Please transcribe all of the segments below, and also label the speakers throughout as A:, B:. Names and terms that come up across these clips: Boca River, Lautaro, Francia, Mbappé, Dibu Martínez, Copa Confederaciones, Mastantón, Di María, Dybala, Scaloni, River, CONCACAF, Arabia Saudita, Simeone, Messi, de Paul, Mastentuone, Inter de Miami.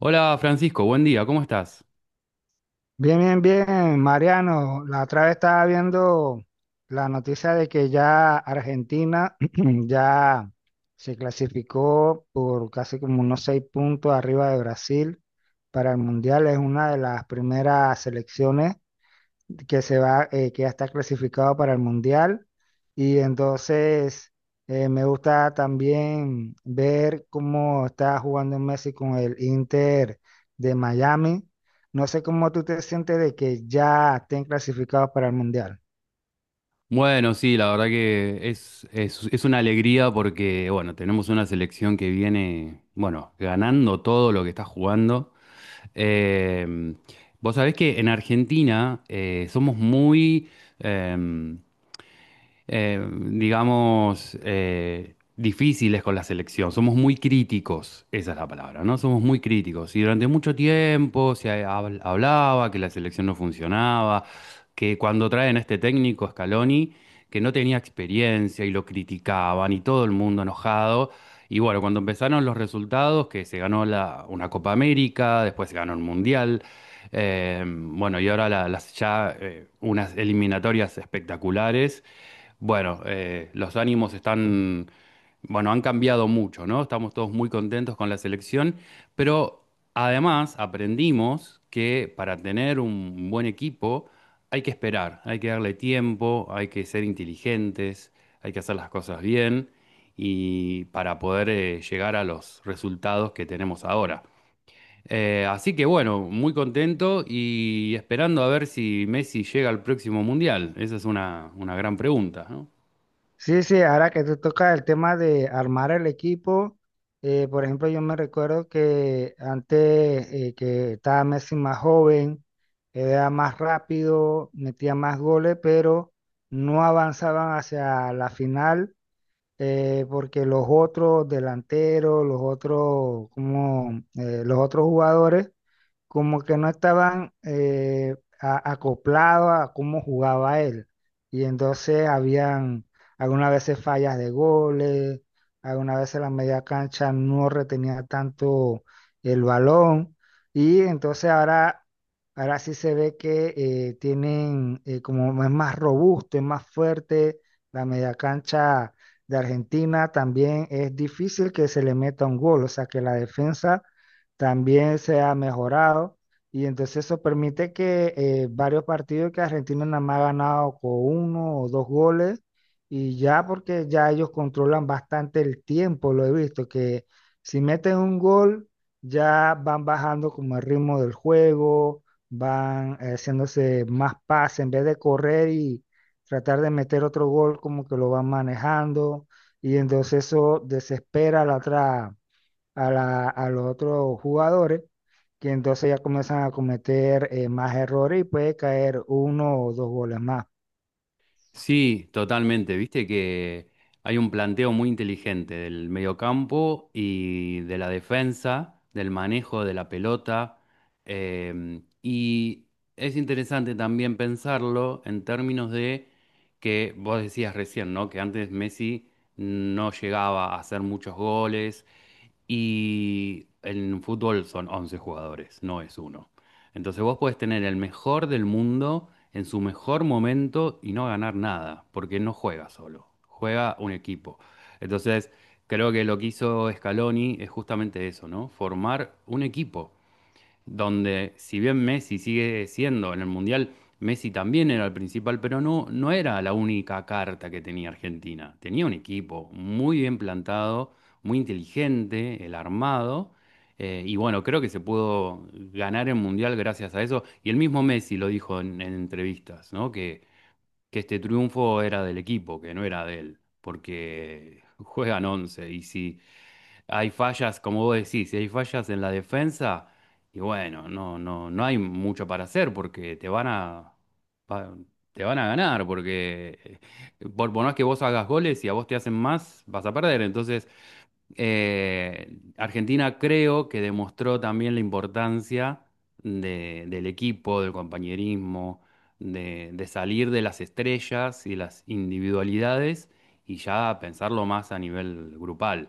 A: Hola Francisco, buen día, ¿cómo estás?
B: Bien, bien, bien, Mariano. La otra vez estaba viendo la noticia de que ya Argentina ya se clasificó por casi como unos seis puntos arriba de Brasil para el Mundial. Es una de las primeras selecciones que se va, que ya está clasificado para el Mundial. Y entonces me gusta también ver cómo está jugando Messi con el Inter de Miami. No sé cómo tú te sientes de que ya estén clasificados para el Mundial.
A: Bueno, sí, la verdad que es una alegría porque, bueno, tenemos una selección que viene, bueno, ganando todo lo que está jugando. Eh, vos sabés que en Argentina somos muy, eh, digamos, difíciles con la selección. Somos muy críticos, esa es la palabra, ¿no? Somos muy críticos. Y durante mucho tiempo se hablaba que la selección no funcionaba, que cuando traen a este técnico, Scaloni, que no tenía experiencia y lo criticaban y todo el mundo enojado. Y bueno, cuando empezaron los resultados, que se ganó una Copa América, después se ganó el Mundial, bueno, y ahora las ya unas eliminatorias espectaculares. Bueno, los ánimos están, bueno, han cambiado mucho, ¿no? Estamos todos muy contentos con la selección, pero además aprendimos que para tener un buen equipo hay que esperar, hay que darle tiempo, hay que ser inteligentes, hay que hacer las cosas bien y para poder llegar a los resultados que tenemos ahora. Así que bueno, muy contento y esperando a ver si Messi llega al próximo mundial. Esa es una gran pregunta, ¿no?
B: Sí, sí, ahora que tú tocas el tema de armar el equipo, por ejemplo, yo me recuerdo que antes que estaba Messi más joven, era más rápido, metía más goles, pero no avanzaban hacia la final porque los otros delanteros, los otros, como, los otros jugadores como que no estaban acoplados a cómo jugaba él. Y entonces habían algunas veces fallas de goles, algunas veces la media cancha no retenía tanto el balón. Y entonces ahora, ahora sí se ve que tienen, como es más robusto, es más fuerte, la media cancha de Argentina también es difícil que se le meta un gol, o sea que la defensa también se ha mejorado y entonces eso permite que varios partidos que Argentina nada más ha ganado con uno o dos goles y ya porque ya ellos controlan bastante el tiempo, lo he visto, que si meten un gol ya van bajando como el ritmo del juego, van haciéndose más pases en vez de correr y tratar de meter otro gol como que lo van manejando y entonces eso desespera a la otra a, a los otros jugadores, que entonces ya comienzan a cometer más errores y puede caer uno o dos goles más.
A: Sí, totalmente. Viste que hay un planteo muy inteligente del mediocampo y de la defensa, del manejo de la pelota. Y es interesante también pensarlo en términos de que vos decías recién, ¿no? Que antes Messi no llegaba a hacer muchos goles y en fútbol son 11 jugadores, no es uno. Entonces vos podés tener el mejor del mundo en su mejor momento y no ganar nada, porque no juega solo, juega un equipo. Entonces creo que lo que hizo Scaloni es justamente eso, ¿no? Formar un equipo donde si bien Messi sigue siendo en el Mundial, Messi también era el principal, pero no era la única carta que tenía Argentina. Tenía un equipo muy bien plantado, muy inteligente, el armado, y bueno, creo que se pudo ganar el Mundial gracias a eso. Y el mismo Messi lo dijo en entrevistas, ¿no? Que este triunfo era del equipo, que no era de él, porque juegan 11 y si hay fallas, como vos decís, si hay fallas en la defensa, y bueno, no hay mucho para hacer porque te van pa- te van a ganar, porque por más que vos hagas goles y a vos te hacen más, vas a perder. Entonces, Argentina creo que demostró también la importancia del equipo, del compañerismo, de salir de las estrellas y las individualidades y ya pensarlo más a nivel grupal.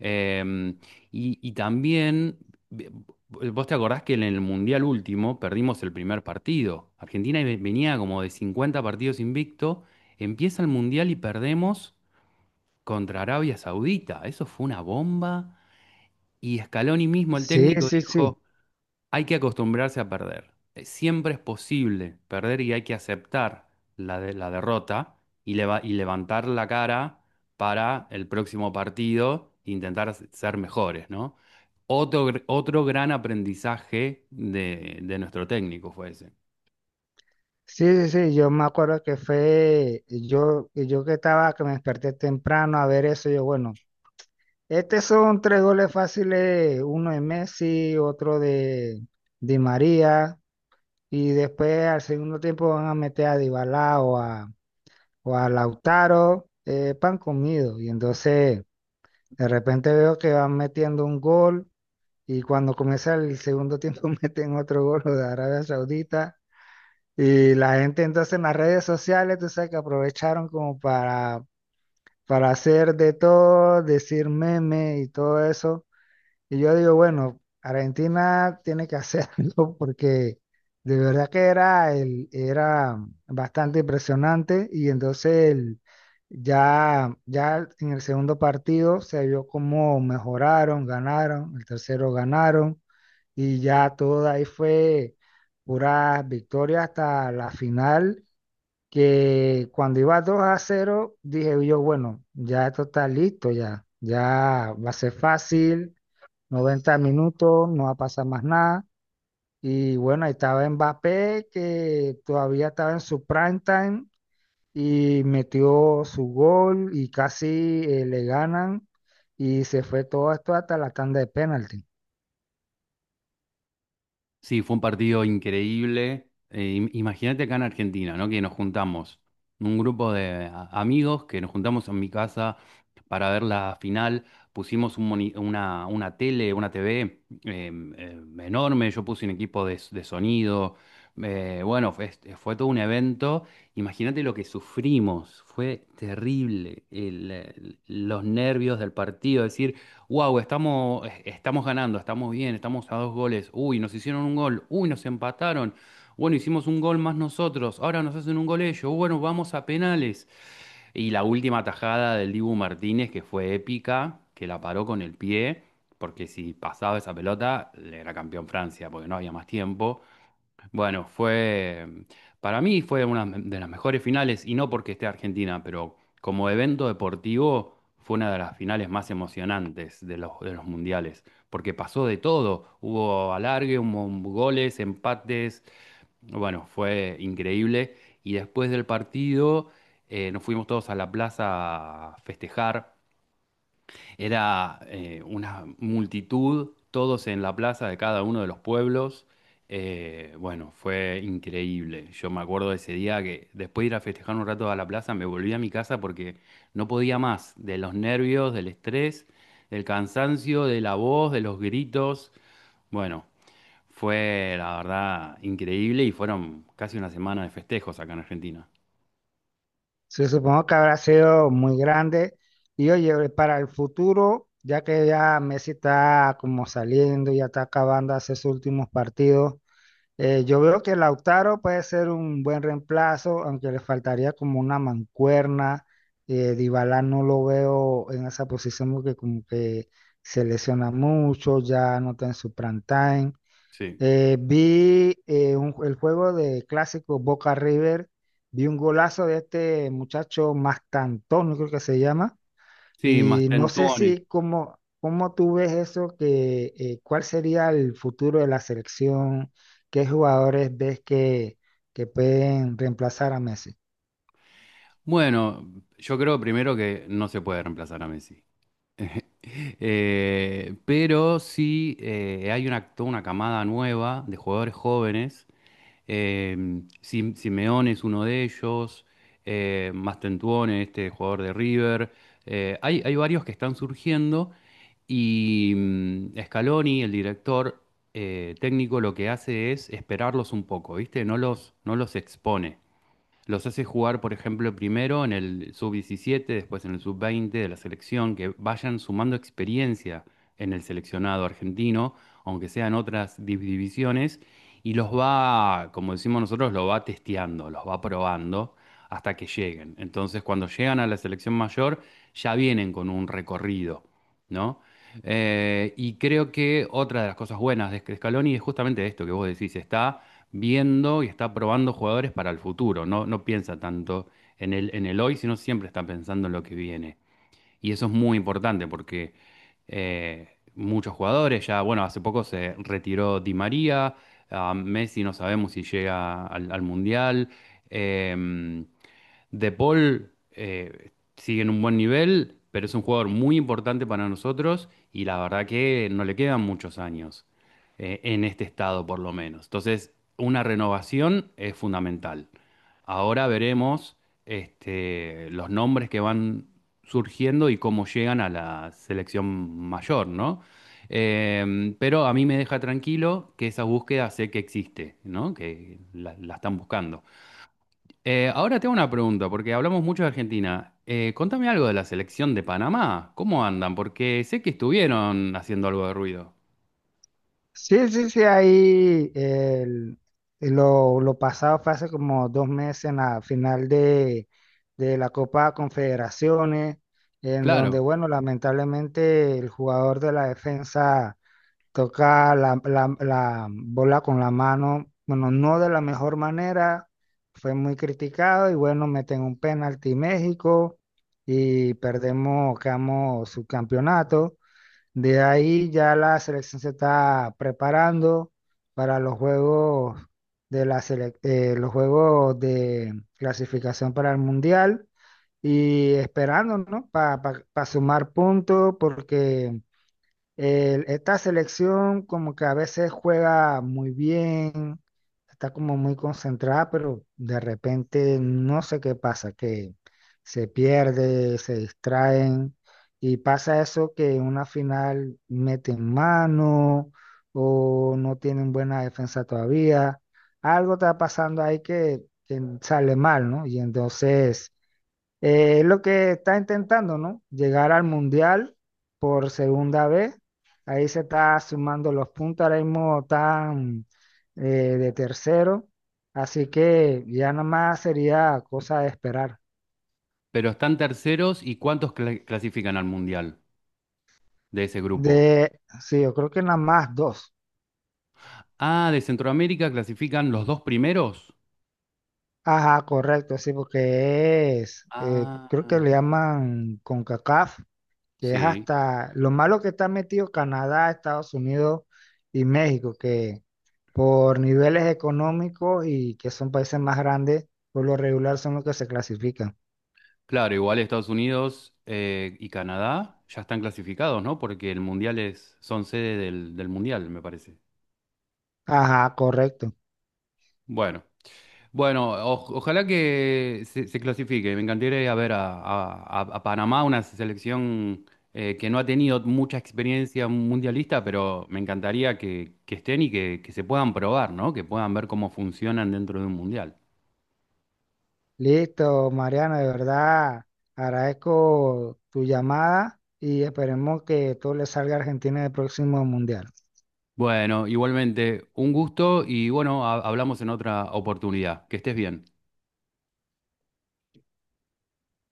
A: Eh, y también, ve- vos te acordás que en el Mundial último perdimos el primer partido. Argentina venía como de 50 partidos invicto, empieza el Mundial y perdemos contra Arabia Saudita. Eso fue una bomba. Y Scaloni mismo, el
B: Sí,
A: técnico,
B: sí, sí.
A: dijo, hay que acostumbrarse a perder. Siempre es posible perder y hay que aceptar la derrota levantar la cara para el próximo partido, e intentar ser mejores, ¿no? Otro, otro gran aprendizaje de nuestro técnico fue ese.
B: Sí, sí, sí, yo me acuerdo que fue, yo, que estaba, que me desperté temprano a ver eso, yo, bueno, estos son tres goles fáciles, uno de Messi, otro de Di María, y después al segundo tiempo van a meter a Dybala o a Lautaro, pan comido, y entonces de repente veo que van metiendo un gol y cuando comienza el segundo tiempo meten otro gol lo de Arabia Saudita y la gente entonces en las redes sociales, tú sabes que aprovecharon como para hacer de todo, decir meme y todo eso. Y yo digo, bueno, Argentina tiene que hacerlo porque de verdad que era, el, era bastante impresionante y entonces ya, ya en el segundo partido se vio cómo mejoraron, ganaron, el tercero ganaron y ya todo ahí fue pura victoria hasta la final, que cuando iba 2 a cero dije yo, bueno, ya esto está listo, ya, ya va a ser fácil, 90 minutos, no va a pasar más nada. Y bueno, ahí estaba Mbappé, que todavía estaba en su prime time y metió su gol y casi le ganan y se fue todo esto hasta la tanda de penalti.
A: Sí, fue un partido increíble. Imagínate acá en Argentina, ¿no? Que nos juntamos, un grupo de amigos que nos juntamos en mi casa para ver la final. Pusimos un una tele, una TV enorme. Yo puse un equipo de sonido. Fue todo un evento. Imagínate lo que sufrimos. Fue terrible. Los nervios del partido. Wow, estamos ganando, estamos bien, estamos a dos goles. Uy, nos hicieron un gol. Uy, nos empataron. Bueno, hicimos un gol más nosotros. Ahora nos hacen un gol ellos. Bueno, vamos a penales. Y la última tajada del Dibu Martínez, que fue épica, que la paró con el pie, porque si pasaba esa pelota, le era campeón Francia, porque no había más tiempo. Bueno, para mí fue una de las mejores finales, y no porque esté Argentina, pero como evento deportivo fue una de las finales más emocionantes de de los mundiales, porque pasó de todo, hubo alargue, hubo goles, empates, bueno, fue increíble, y después del partido nos fuimos todos a la plaza a festejar, era una multitud, todos en la plaza de cada uno de los pueblos. Bueno, fue increíble. Yo me acuerdo de ese día que después de ir a festejar un rato a la plaza, me volví a mi casa porque no podía más de los nervios, del estrés, del cansancio, de la voz, de los gritos. Bueno, fue la verdad increíble y fueron casi una semana de festejos acá en Argentina.
B: Se supongo que habrá sido muy grande. Y oye, para el futuro, ya que ya Messi está como saliendo, ya está acabando hace sus últimos partidos, yo veo que Lautaro puede ser un buen reemplazo, aunque le faltaría como una mancuerna. Dybala no lo veo en esa posición porque como que se lesiona mucho, ya no está en su prime time.
A: Sí.
B: El juego de clásico Boca River, vi un golazo de este muchacho Mastantón, no creo que se llama,
A: Sí, más.
B: y no sé si cómo, cómo tú ves eso, que cuál sería el futuro de la selección, qué jugadores ves que pueden reemplazar a Messi.
A: Bueno, yo creo primero que no se puede reemplazar a Messi. Pero sí hay una, toda una camada nueva de jugadores jóvenes. Eh, Simeone es uno de ellos, Mastentuone, este jugador de River. Hay varios que están surgiendo y Scaloni, el director técnico, lo que hace es esperarlos un poco, ¿viste? No los expone. Los hace jugar, por ejemplo, primero en el sub-17, después en el sub-20 de la selección, que vayan sumando experiencia en el seleccionado argentino, aunque sean otras divisiones, y los va, como decimos nosotros, los va testeando, los va probando hasta que lleguen. Entonces, cuando llegan a la selección mayor, ya vienen con un recorrido, ¿no? Y creo que otra de las cosas buenas de Scaloni es justamente esto que vos decís, está viendo y está probando jugadores para el futuro. No piensa tanto en el hoy, sino siempre está pensando en lo que viene. Y eso es muy importante porque muchos jugadores ya, bueno, hace poco se retiró Di María, a Messi no sabemos si llega al Mundial. em, de Paul sigue en un buen nivel, pero es un jugador muy importante para nosotros y la verdad que no le quedan muchos años en este estado por lo menos. Entonces, una renovación es fundamental. Ahora veremos los nombres que van surgiendo y cómo llegan a la selección mayor, ¿no? Pero a mí me deja tranquilo que esa búsqueda sé que existe, ¿no? Que la están buscando. Ahora te hago una pregunta, porque hablamos mucho de Argentina. Contame algo de la selección de Panamá. ¿Cómo andan? Porque sé que estuvieron haciendo algo de ruido.
B: Sí, sí, sí, ahí lo pasado fue hace como dos meses en la final de la Copa Confederaciones, en donde,
A: Claro,
B: bueno, lamentablemente el jugador de la defensa toca la, la bola con la mano, bueno, no de la mejor manera, fue muy criticado y bueno, meten un penalti México y perdemos, quedamos subcampeonato. De ahí ya la selección se está preparando para los juegos de la los juegos de clasificación para el Mundial y esperando, ¿no? Para sumar puntos porque esta selección como que a veces juega muy bien, está como muy concentrada, pero de repente no sé qué pasa, que se pierde, se distraen y pasa eso que en una final meten mano o no tienen buena defensa todavía. Algo está pasando ahí que sale mal, ¿no? Y entonces... Es lo que está intentando, ¿no? Llegar al Mundial por segunda vez. Ahí se está sumando los puntos, ahora mismo están eh, de tercero. Así que ya nada más sería cosa de esperar.
A: pero están terceros y ¿cuántos clasifican al Mundial de ese grupo?
B: De, sí, yo creo que nada más dos.
A: Ah, de Centroamérica clasifican los dos primeros.
B: Ajá, correcto, sí, porque es,
A: Ah,
B: creo que le llaman CONCACAF, que es
A: sí.
B: hasta lo malo que está metido Canadá, Estados Unidos y México, que por niveles económicos y que son países más grandes, por lo regular son los que se clasifican.
A: Claro, igual Estados Unidos y Canadá ya están clasificados, ¿no? Porque el Mundial es, son sede del Mundial, me parece.
B: Ajá, correcto.
A: Bueno. Bueno, ojalá que se clasifique. Me encantaría ir a ver a Panamá, una selección que no ha tenido mucha experiencia mundialista, pero me encantaría que estén y que se puedan probar, ¿no? Que puedan ver cómo funcionan dentro de un mundial.
B: Listo, Mariana, de verdad agradezco tu llamada y esperemos que todo le salga a Argentina en el próximo mundial.
A: Bueno, igualmente, un gusto y bueno, hablamos en otra oportunidad. Que estés bien.